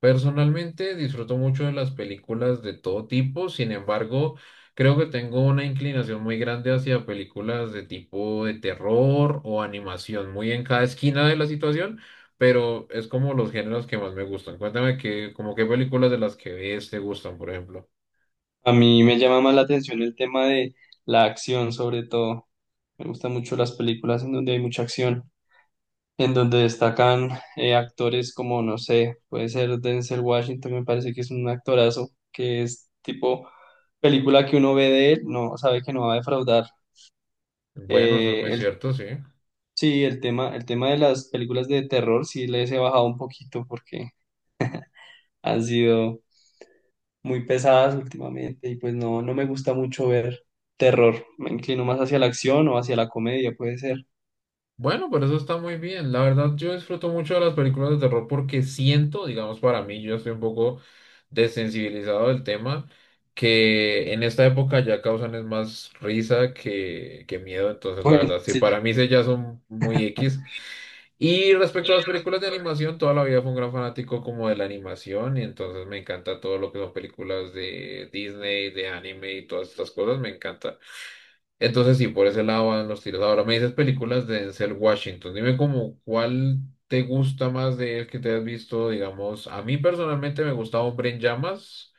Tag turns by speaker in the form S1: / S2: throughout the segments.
S1: Personalmente disfruto mucho de las películas de todo tipo, sin embargo, creo que tengo una inclinación muy grande hacia películas de tipo de terror o animación, muy en cada esquina de la situación, pero es como los géneros que más me gustan. Cuéntame que, como qué películas de las que ves te gustan, por ejemplo.
S2: A mí me llama más la atención el tema de la acción, sobre todo. Me gustan mucho las películas en donde hay mucha acción, en donde destacan actores como, no sé, puede ser Denzel Washington, me parece que es un actorazo, que es tipo película que uno ve de él, no sabe que no va a defraudar.
S1: Bueno, eso es
S2: Eh,
S1: muy
S2: el,
S1: cierto, sí.
S2: sí, el tema de las películas de terror sí les he bajado un poquito porque han sido muy pesadas últimamente y pues no me gusta mucho ver terror. Me inclino más hacia la acción o hacia la comedia, puede ser.
S1: Bueno, pero eso está muy bien. La verdad, yo disfruto mucho de las películas de terror porque siento, digamos, para mí, yo estoy un poco desensibilizado del tema, que en esta época ya causan es más risa que miedo. Entonces, la
S2: Bueno,
S1: verdad, sí,
S2: sí,
S1: para mí sí ya son muy X. Y respecto a las películas de animación, toda la vida fui un gran fanático como de la animación y entonces me encanta todo lo que son películas de Disney, de anime y todas estas cosas, me encanta. Entonces, sí, por ese lado van los tiros. Ahora me dices películas de Denzel Washington. Dime como cuál te gusta más de él que te has visto, digamos. A mí personalmente me gusta Hombre en Llamas,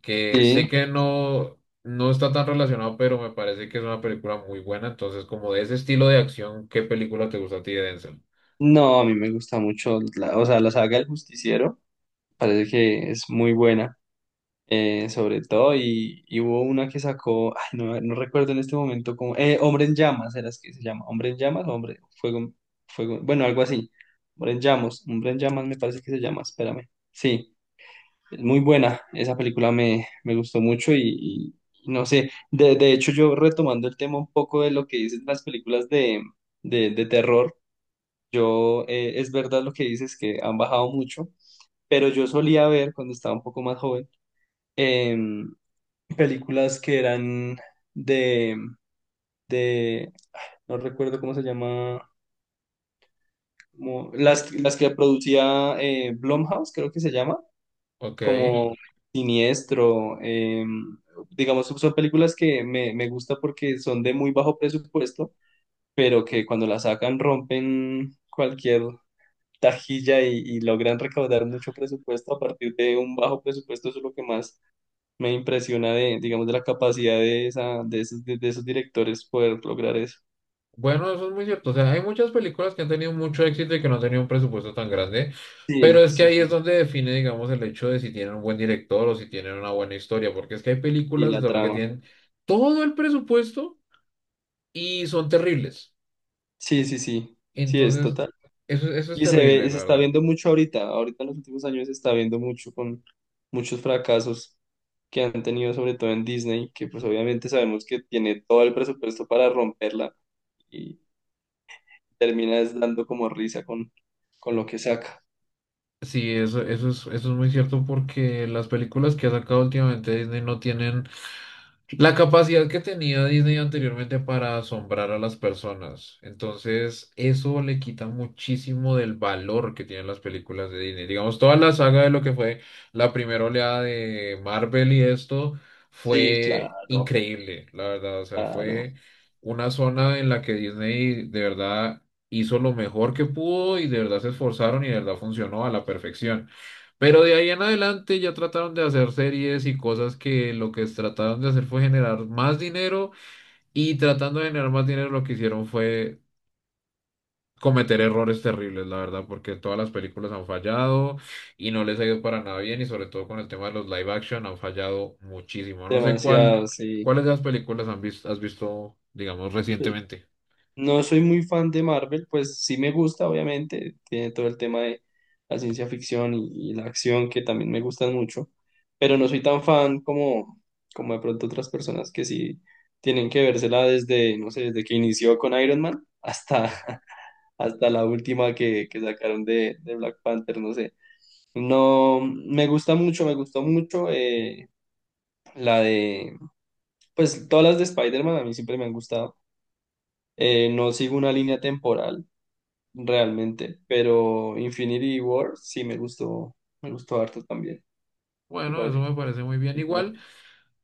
S1: que sé
S2: sí.
S1: que no está tan relacionado, pero me parece que es una película muy buena. Entonces, como de ese estilo de acción, ¿qué película te gusta a ti de Denzel?
S2: No, a mí me gusta mucho, o sea, la saga El Justiciero, parece que es muy buena. Sobre todo, y hubo una que sacó, ay, no recuerdo en este momento cómo, Hombre en Llamas, era que se llama, Hombre en Llamas, o Hombre, Fuego, Fuego, bueno, algo así, Hombre en Llamas me parece que se llama, espérame, sí. Es muy buena, esa película me gustó mucho y no sé, de hecho, yo retomando el tema un poco de lo que dicen las películas de terror, es verdad lo que dices que han bajado mucho, pero yo solía ver cuando estaba un poco más joven em, películas que eran de, de, no recuerdo cómo se llama, las que producía Blumhouse, creo que se llama
S1: Ok.
S2: como Siniestro. Digamos, son películas que me gusta porque son de muy bajo presupuesto, pero que cuando las sacan rompen cualquier tajilla y logran recaudar mucho presupuesto a partir de un bajo presupuesto. Eso es lo que más me impresiona de, digamos, de la capacidad de, esa, de esos directores poder lograr eso.
S1: Bueno, eso es muy cierto. O sea, hay muchas películas que han tenido mucho éxito y que no han tenido un presupuesto tan grande, pero
S2: Sí,
S1: es que
S2: sí,
S1: ahí
S2: sí,
S1: es donde define, digamos, el hecho de si tienen un buen director o si tienen una buena historia, porque es que hay
S2: y
S1: películas de
S2: la
S1: terror que
S2: trama.
S1: tienen todo el presupuesto y son terribles.
S2: Sí, sí, sí, sí, es
S1: Entonces,
S2: total.
S1: eso es
S2: Y
S1: terrible,
S2: se
S1: la
S2: está
S1: verdad.
S2: viendo mucho ahorita, ahorita en los últimos años se está viendo mucho con muchos fracasos que han tenido, sobre todo en Disney, que pues obviamente sabemos que tiene todo el presupuesto para romperla y termina es dando como risa con lo que saca.
S1: Sí, eso es muy cierto porque las películas que ha sacado últimamente Disney no tienen la capacidad que tenía Disney anteriormente para asombrar a las personas. Entonces, eso le quita muchísimo del valor que tienen las películas de Disney. Digamos, toda la saga de lo que fue la primera oleada de Marvel y esto
S2: Sí,
S1: fue
S2: claro,
S1: increíble, la verdad. O sea,
S2: claro,
S1: fue una zona en la que Disney de verdad hizo lo mejor que pudo y de verdad se esforzaron y de verdad funcionó a la perfección. Pero de ahí en adelante ya trataron de hacer series y cosas que lo que trataron de hacer fue generar más dinero y tratando de generar más dinero lo que hicieron fue cometer errores terribles, la verdad, porque todas las películas han fallado y no les ha ido para nada bien y sobre todo con el tema de los live action han fallado muchísimo. No sé cuál,
S2: demasiado, sí.
S1: cuáles de las películas han visto, has visto, digamos, recientemente.
S2: No soy muy fan de Marvel, pues sí me gusta, obviamente, tiene todo el tema de la ciencia ficción y la acción que también me gustan mucho, pero no soy tan fan como de pronto otras personas que sí tienen que vérsela desde, no sé, desde que inició con Iron Man hasta,
S1: Sí.
S2: hasta la última que sacaron de Black Panther, no sé. No, me gusta mucho, me gustó mucho la de, pues todas las de Spider-Man a mí siempre me han gustado. No sigo una línea temporal realmente, pero Infinity War sí me gustó harto también, me
S1: Bueno, eso
S2: parece que
S1: me parece muy bien.
S2: película.
S1: Igual.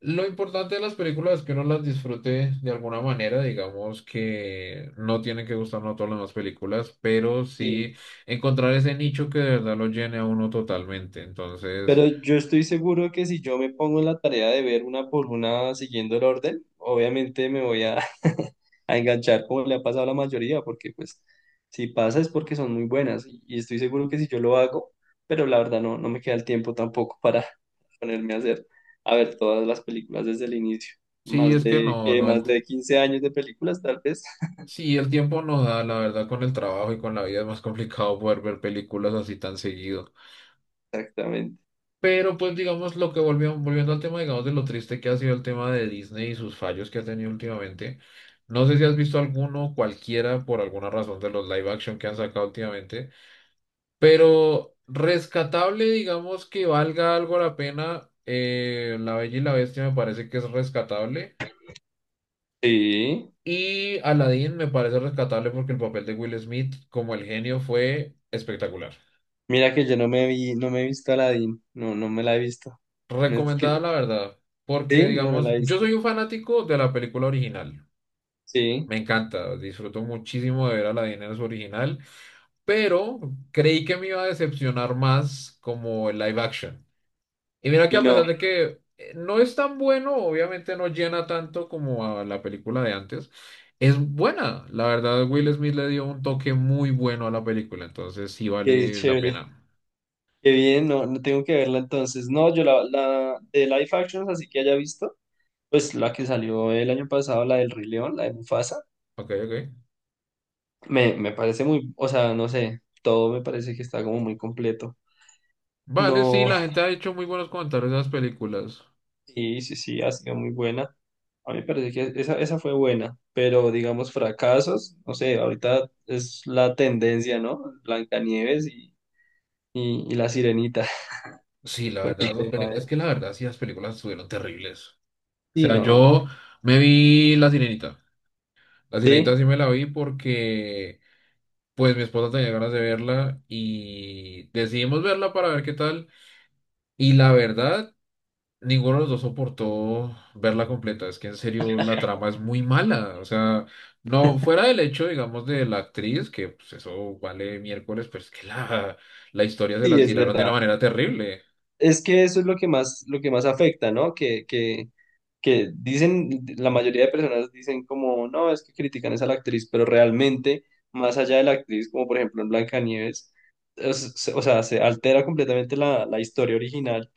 S1: Lo importante de las películas es que uno las disfrute de alguna manera, digamos que no tienen que gustarnos todas las demás películas, pero
S2: Sí,
S1: sí encontrar ese nicho que de verdad lo llene a uno totalmente. Entonces,
S2: pero yo estoy seguro que si yo me pongo en la tarea de ver una por una siguiendo el orden, obviamente me voy a, a enganchar como le ha pasado a la mayoría, porque pues si pasa es porque son muy buenas y estoy seguro que si yo lo hago, pero la verdad no me queda el tiempo tampoco para ponerme a ver todas las películas desde el inicio.
S1: sí, es que no, no, el,
S2: Más
S1: ti-
S2: de 15 años de películas, tal vez.
S1: sí, el tiempo nos da, la verdad, con el trabajo y con la vida es más complicado poder ver películas así tan seguido.
S2: Exactamente.
S1: Pero pues digamos lo que volviendo al tema, digamos, de lo triste que ha sido el tema de Disney y sus fallos que ha tenido últimamente. No sé si has visto alguno, cualquiera, por alguna razón de los live action que han sacado últimamente, pero rescatable, digamos, que valga algo la pena. La Bella y la Bestia me parece que es rescatable.
S2: Sí.
S1: Y Aladdin me parece rescatable porque el papel de Will Smith como el genio fue espectacular.
S2: Mira que yo no me he visto Aladdin. No, no me la he visto. No es que-
S1: Recomendada la verdad, porque
S2: sí, no la
S1: digamos,
S2: he
S1: yo
S2: visto.
S1: soy un fanático de la película original.
S2: Sí.
S1: Me encanta, disfruto muchísimo de ver Aladdin en su original, pero creí que me iba a decepcionar más como el live action. Y mira que
S2: Y
S1: a
S2: no,
S1: pesar de que no es tan bueno, obviamente no llena tanto como a la película de antes, es buena. La verdad, Will Smith le dio un toque muy bueno a la película, entonces sí
S2: qué
S1: vale la
S2: chévere.
S1: pena.
S2: Qué bien, no tengo que verla entonces. No, yo la de live actions, así que haya visto, pues la que salió el año pasado, la del Rey León, la de Mufasa,
S1: Ok, ok.
S2: me parece muy, o sea, no sé, todo me parece que está como muy completo.
S1: Vale, sí,
S2: No,
S1: la gente ha hecho muy buenos comentarios de las películas.
S2: sí, sí, sí, ha sido muy buena. A mí me parece que esa fue buena, pero digamos fracasos, no sé, ahorita es la tendencia, ¿no? Blancanieves y la Sirenita
S1: Sí, la
S2: con
S1: verdad,
S2: el
S1: las
S2: tema
S1: películas,
S2: de...
S1: es que la verdad, sí, las películas estuvieron terribles. O
S2: Sí,
S1: sea,
S2: no,
S1: yo me vi La Sirenita. La Sirenita
S2: sí,
S1: sí me la vi porque pues mi esposa tenía ganas de verla y decidimos verla para ver qué tal. Y la verdad, ninguno de los dos soportó verla completa. Es que en serio la trama es muy mala. O sea, no fuera del hecho, digamos, de la actriz, que pues eso vale miércoles, pero es que la historia se
S2: sí,
S1: la
S2: es
S1: tiraron de una
S2: verdad.
S1: manera terrible.
S2: Es que eso es lo que más, afecta, ¿no? Que dicen, la mayoría de personas dicen como, no, es que critican es a la actriz, pero realmente, más allá de la actriz, como por ejemplo en Blancanieves, o sea, se altera completamente la historia original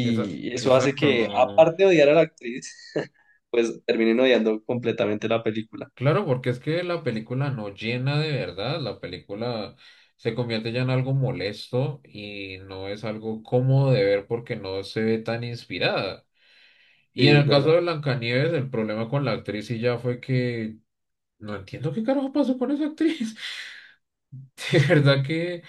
S1: Esa-
S2: eso hace
S1: exacto,
S2: que,
S1: no.
S2: aparte de odiar a la actriz, pues terminen odiando completamente la película.
S1: Claro, porque es que la película no llena de verdad, la película se convierte ya en algo molesto y no es algo cómodo de ver porque no se ve tan inspirada. Y
S2: Sí,
S1: en
S2: es
S1: el caso
S2: verdad.
S1: de Blancanieves, el problema con la actriz y ya fue que no entiendo qué carajo pasó con esa actriz. De verdad que,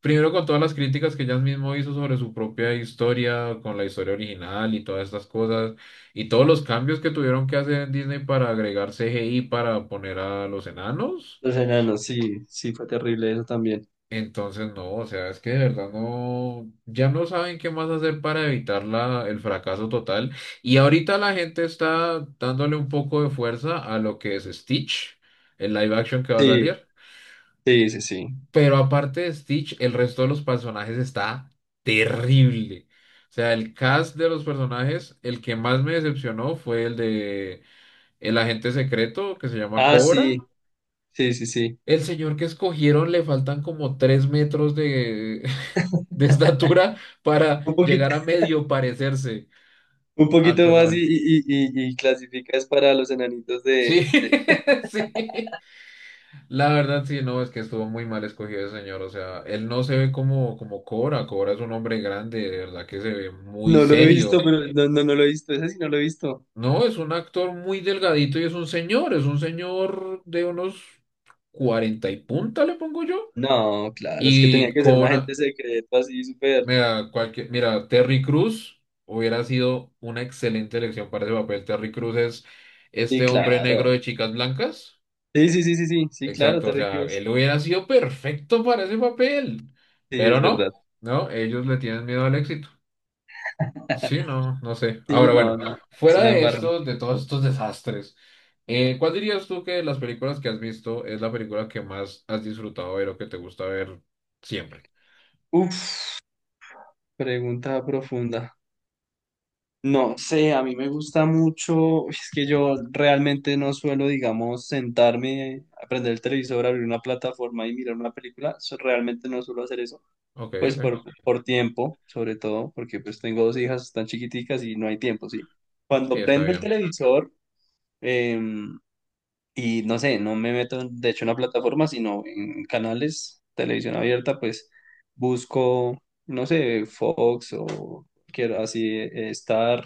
S1: primero con todas las críticas que ella mismo hizo sobre su propia historia, con la historia original y todas estas cosas, y todos los cambios que tuvieron que hacer en Disney para agregar CGI para poner a los enanos.
S2: Los enanos, sí, sí, fue terrible eso también.
S1: Entonces, no, o sea, es que de verdad no, ya no saben qué más hacer para evitar el fracaso total. Y ahorita la gente está dándole un poco de fuerza a lo que es Stitch, el live action que va a
S2: Sí,
S1: salir.
S2: sí, sí, sí.
S1: Pero aparte de Stitch, el resto de los personajes está terrible. O sea, el cast de los personajes, el que más me decepcionó fue el de el agente secreto que se llama
S2: Ah, sí,
S1: Cobra.
S2: sí, sí, sí.
S1: El señor que escogieron le faltan como tres metros de, de estatura
S2: Un
S1: para llegar
S2: poquito
S1: a medio parecerse
S2: Un
S1: al
S2: poquito más
S1: personaje.
S2: clasificas para los enanitos
S1: Sí,
S2: de...
S1: sí. La verdad, sí, no, es que estuvo muy mal escogido ese señor. O sea, él no se ve como, como Cobra. Cobra es un hombre grande, de verdad que se ve muy
S2: No lo he visto,
S1: serio.
S2: pero no lo he visto. Ese sí no lo he visto.
S1: No, es un actor muy delgadito y es un señor de unos 40 y punta, le pongo yo.
S2: No, claro, es que tenía
S1: Y
S2: que ser un agente
S1: Cobra,
S2: secreto así, súper...
S1: mira, cualquier, mira, Terry Cruz hubiera sido una excelente elección para ese papel. Terry Cruz es
S2: Sí,
S1: este hombre negro
S2: claro.
S1: de chicas blancas.
S2: Sí, sí, sí, sí, sí, sí, claro,
S1: Exacto, o
S2: Terry
S1: sea,
S2: Crews.
S1: él hubiera sido perfecto para ese papel,
S2: Sí,
S1: pero
S2: es
S1: no,
S2: verdad.
S1: no, ellos le tienen miedo al éxito. Sí, no, no sé.
S2: Sí,
S1: Ahora,
S2: no,
S1: bueno,
S2: no, sí
S1: fuera
S2: la
S1: de
S2: embarran.
S1: estos, de todos estos desastres, ¿cuál dirías tú que de las películas que has visto es la película que más has disfrutado ver o que te gusta ver siempre?
S2: Uf, pregunta profunda. No sé, a mí me gusta mucho, es que yo realmente no suelo, digamos, sentarme, a prender el televisor, abrir una plataforma y mirar una película, realmente no suelo hacer eso,
S1: Ok,
S2: pues
S1: ok,
S2: por tiempo, sobre todo, porque pues tengo dos hijas tan chiquiticas y no hay tiempo, ¿sí?
S1: sí,
S2: Cuando
S1: está
S2: prendo el
S1: bien.
S2: televisor, em, y no sé, no me meto, de hecho, en la plataforma, sino en canales, televisión abierta, pues busco, no sé, Fox o quiero así, Star.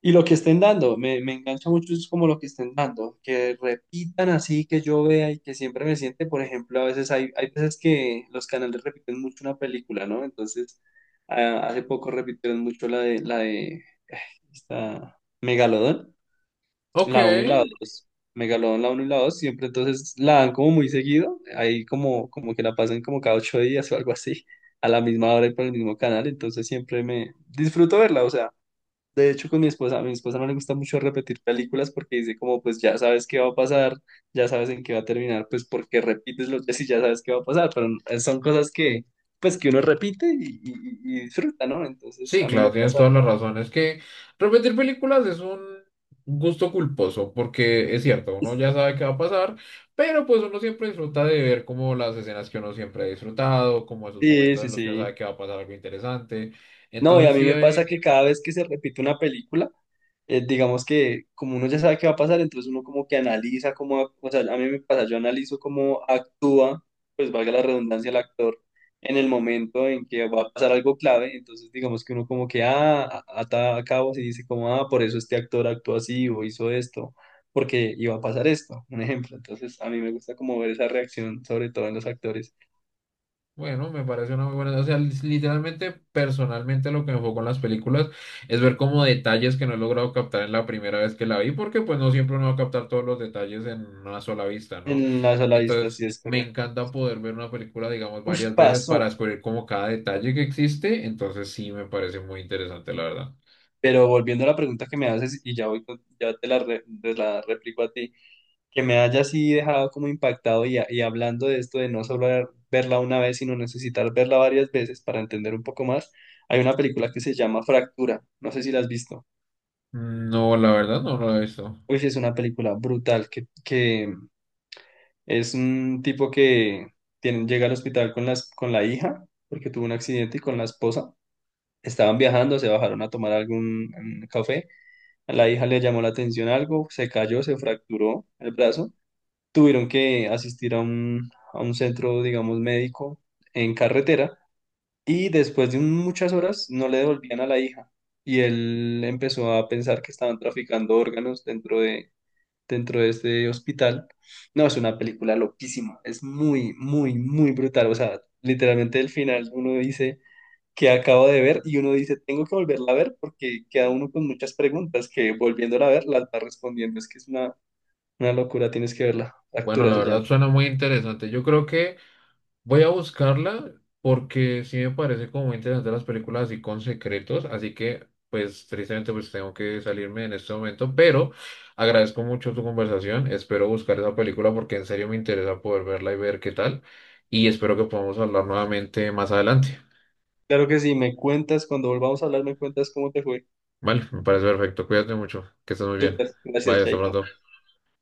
S2: Y lo que estén dando, me engancha mucho es como lo que estén dando, que repitan así, que yo vea y que siempre me siente, por ejemplo, a veces hay veces que los canales repiten mucho una película, ¿no? Entonces, hace poco repitieron mucho la de esta Megalodón,
S1: Ok,
S2: la uno y la dos. Megalodón, la uno y la 2 siempre entonces la dan como muy seguido, ahí como que la pasan como cada 8 días o algo así, a la misma hora y por el mismo canal, entonces siempre me disfruto verla, o sea. De hecho, con mi esposa, a mi esposa no le gusta mucho repetir películas porque dice como, pues ya sabes qué va a pasar, ya sabes en qué va a terminar, pues porque repites los días y ya sabes qué va a pasar, pero son cosas que, pues que uno repite y disfruta, ¿no? Entonces,
S1: sí,
S2: a mí me
S1: claro, tienes
S2: pasa
S1: toda la
S2: que...
S1: razón. Es que repetir películas es un gusto culposo, porque es cierto, uno ya sabe qué va a pasar, pero pues uno siempre disfruta de ver como las escenas que uno siempre ha disfrutado, como esos
S2: Sí,
S1: momentos
S2: sí,
S1: en los que uno sabe
S2: sí.
S1: que va a pasar algo interesante.
S2: No, y a
S1: Entonces
S2: mí
S1: sí,
S2: me pasa
S1: hay,
S2: que cada vez que se repite una película, digamos que como uno ya sabe qué va a pasar, entonces uno como que analiza cómo, o sea, a mí me pasa, yo analizo cómo actúa, pues valga la redundancia, el actor en el momento en que va a pasar algo clave, entonces digamos que uno como que, ah, ata cabos y dice como, ah, por eso este actor actuó así o hizo esto, porque iba a pasar esto, un ejemplo, entonces a mí me gusta como ver esa reacción, sobre todo en los actores,
S1: bueno, me parece una muy buena. O sea, literalmente, personalmente, lo que me enfocó en las películas es ver como detalles que no he logrado captar en la primera vez que la vi, porque pues no siempre uno va a captar todos los detalles en una sola vista, ¿no?
S2: en la sola vista,
S1: Entonces,
S2: sí es
S1: me
S2: correcto.
S1: encanta poder ver una película, digamos,
S2: Ush,
S1: varias veces para
S2: pasó.
S1: descubrir como cada detalle que existe. Entonces, sí, me parece muy interesante, la verdad.
S2: Pero volviendo a la pregunta que me haces, y ya, ya te la replico a ti, que me haya así dejado como impactado y hablando de esto de no solo verla una vez, sino necesitar verla varias veces para entender un poco más, hay una película que se llama Fractura, no sé si la has visto.
S1: No, la verdad, no lo he visto.
S2: Uy, sí, es una película brutal, que es un tipo que llega al hospital con la hija, porque tuvo un accidente, y con la esposa. Estaban viajando, se bajaron a tomar algún café. A la hija le llamó la atención algo, se cayó, se fracturó el brazo. Tuvieron que asistir a un centro, digamos, médico en carretera y después de muchas horas no le devolvían a la hija. Y él empezó a pensar que estaban traficando órganos dentro de este hospital. No, es una película loquísima, es muy, muy, muy brutal. O sea, literalmente el final uno dice que acabo de ver y uno dice, tengo que volverla a ver porque queda uno con muchas preguntas que volviéndola a ver las va respondiendo. Es que es una locura, tienes que verla.
S1: Bueno,
S2: Factura
S1: la
S2: se llama.
S1: verdad suena muy interesante. Yo creo que voy a buscarla porque sí me parece como muy interesante las películas así con secretos, así que pues tristemente pues tengo que salirme en este momento, pero agradezco mucho tu conversación, espero buscar esa película porque en serio me interesa poder verla y ver qué tal y espero que podamos hablar nuevamente más adelante.
S2: Claro que sí, me cuentas, cuando volvamos a hablar, me cuentas cómo te fue.
S1: Vale, me parece perfecto, cuídate mucho, que estés muy bien.
S2: Súper,
S1: Bye,
S2: gracias,
S1: hasta
S2: Chaito.
S1: pronto.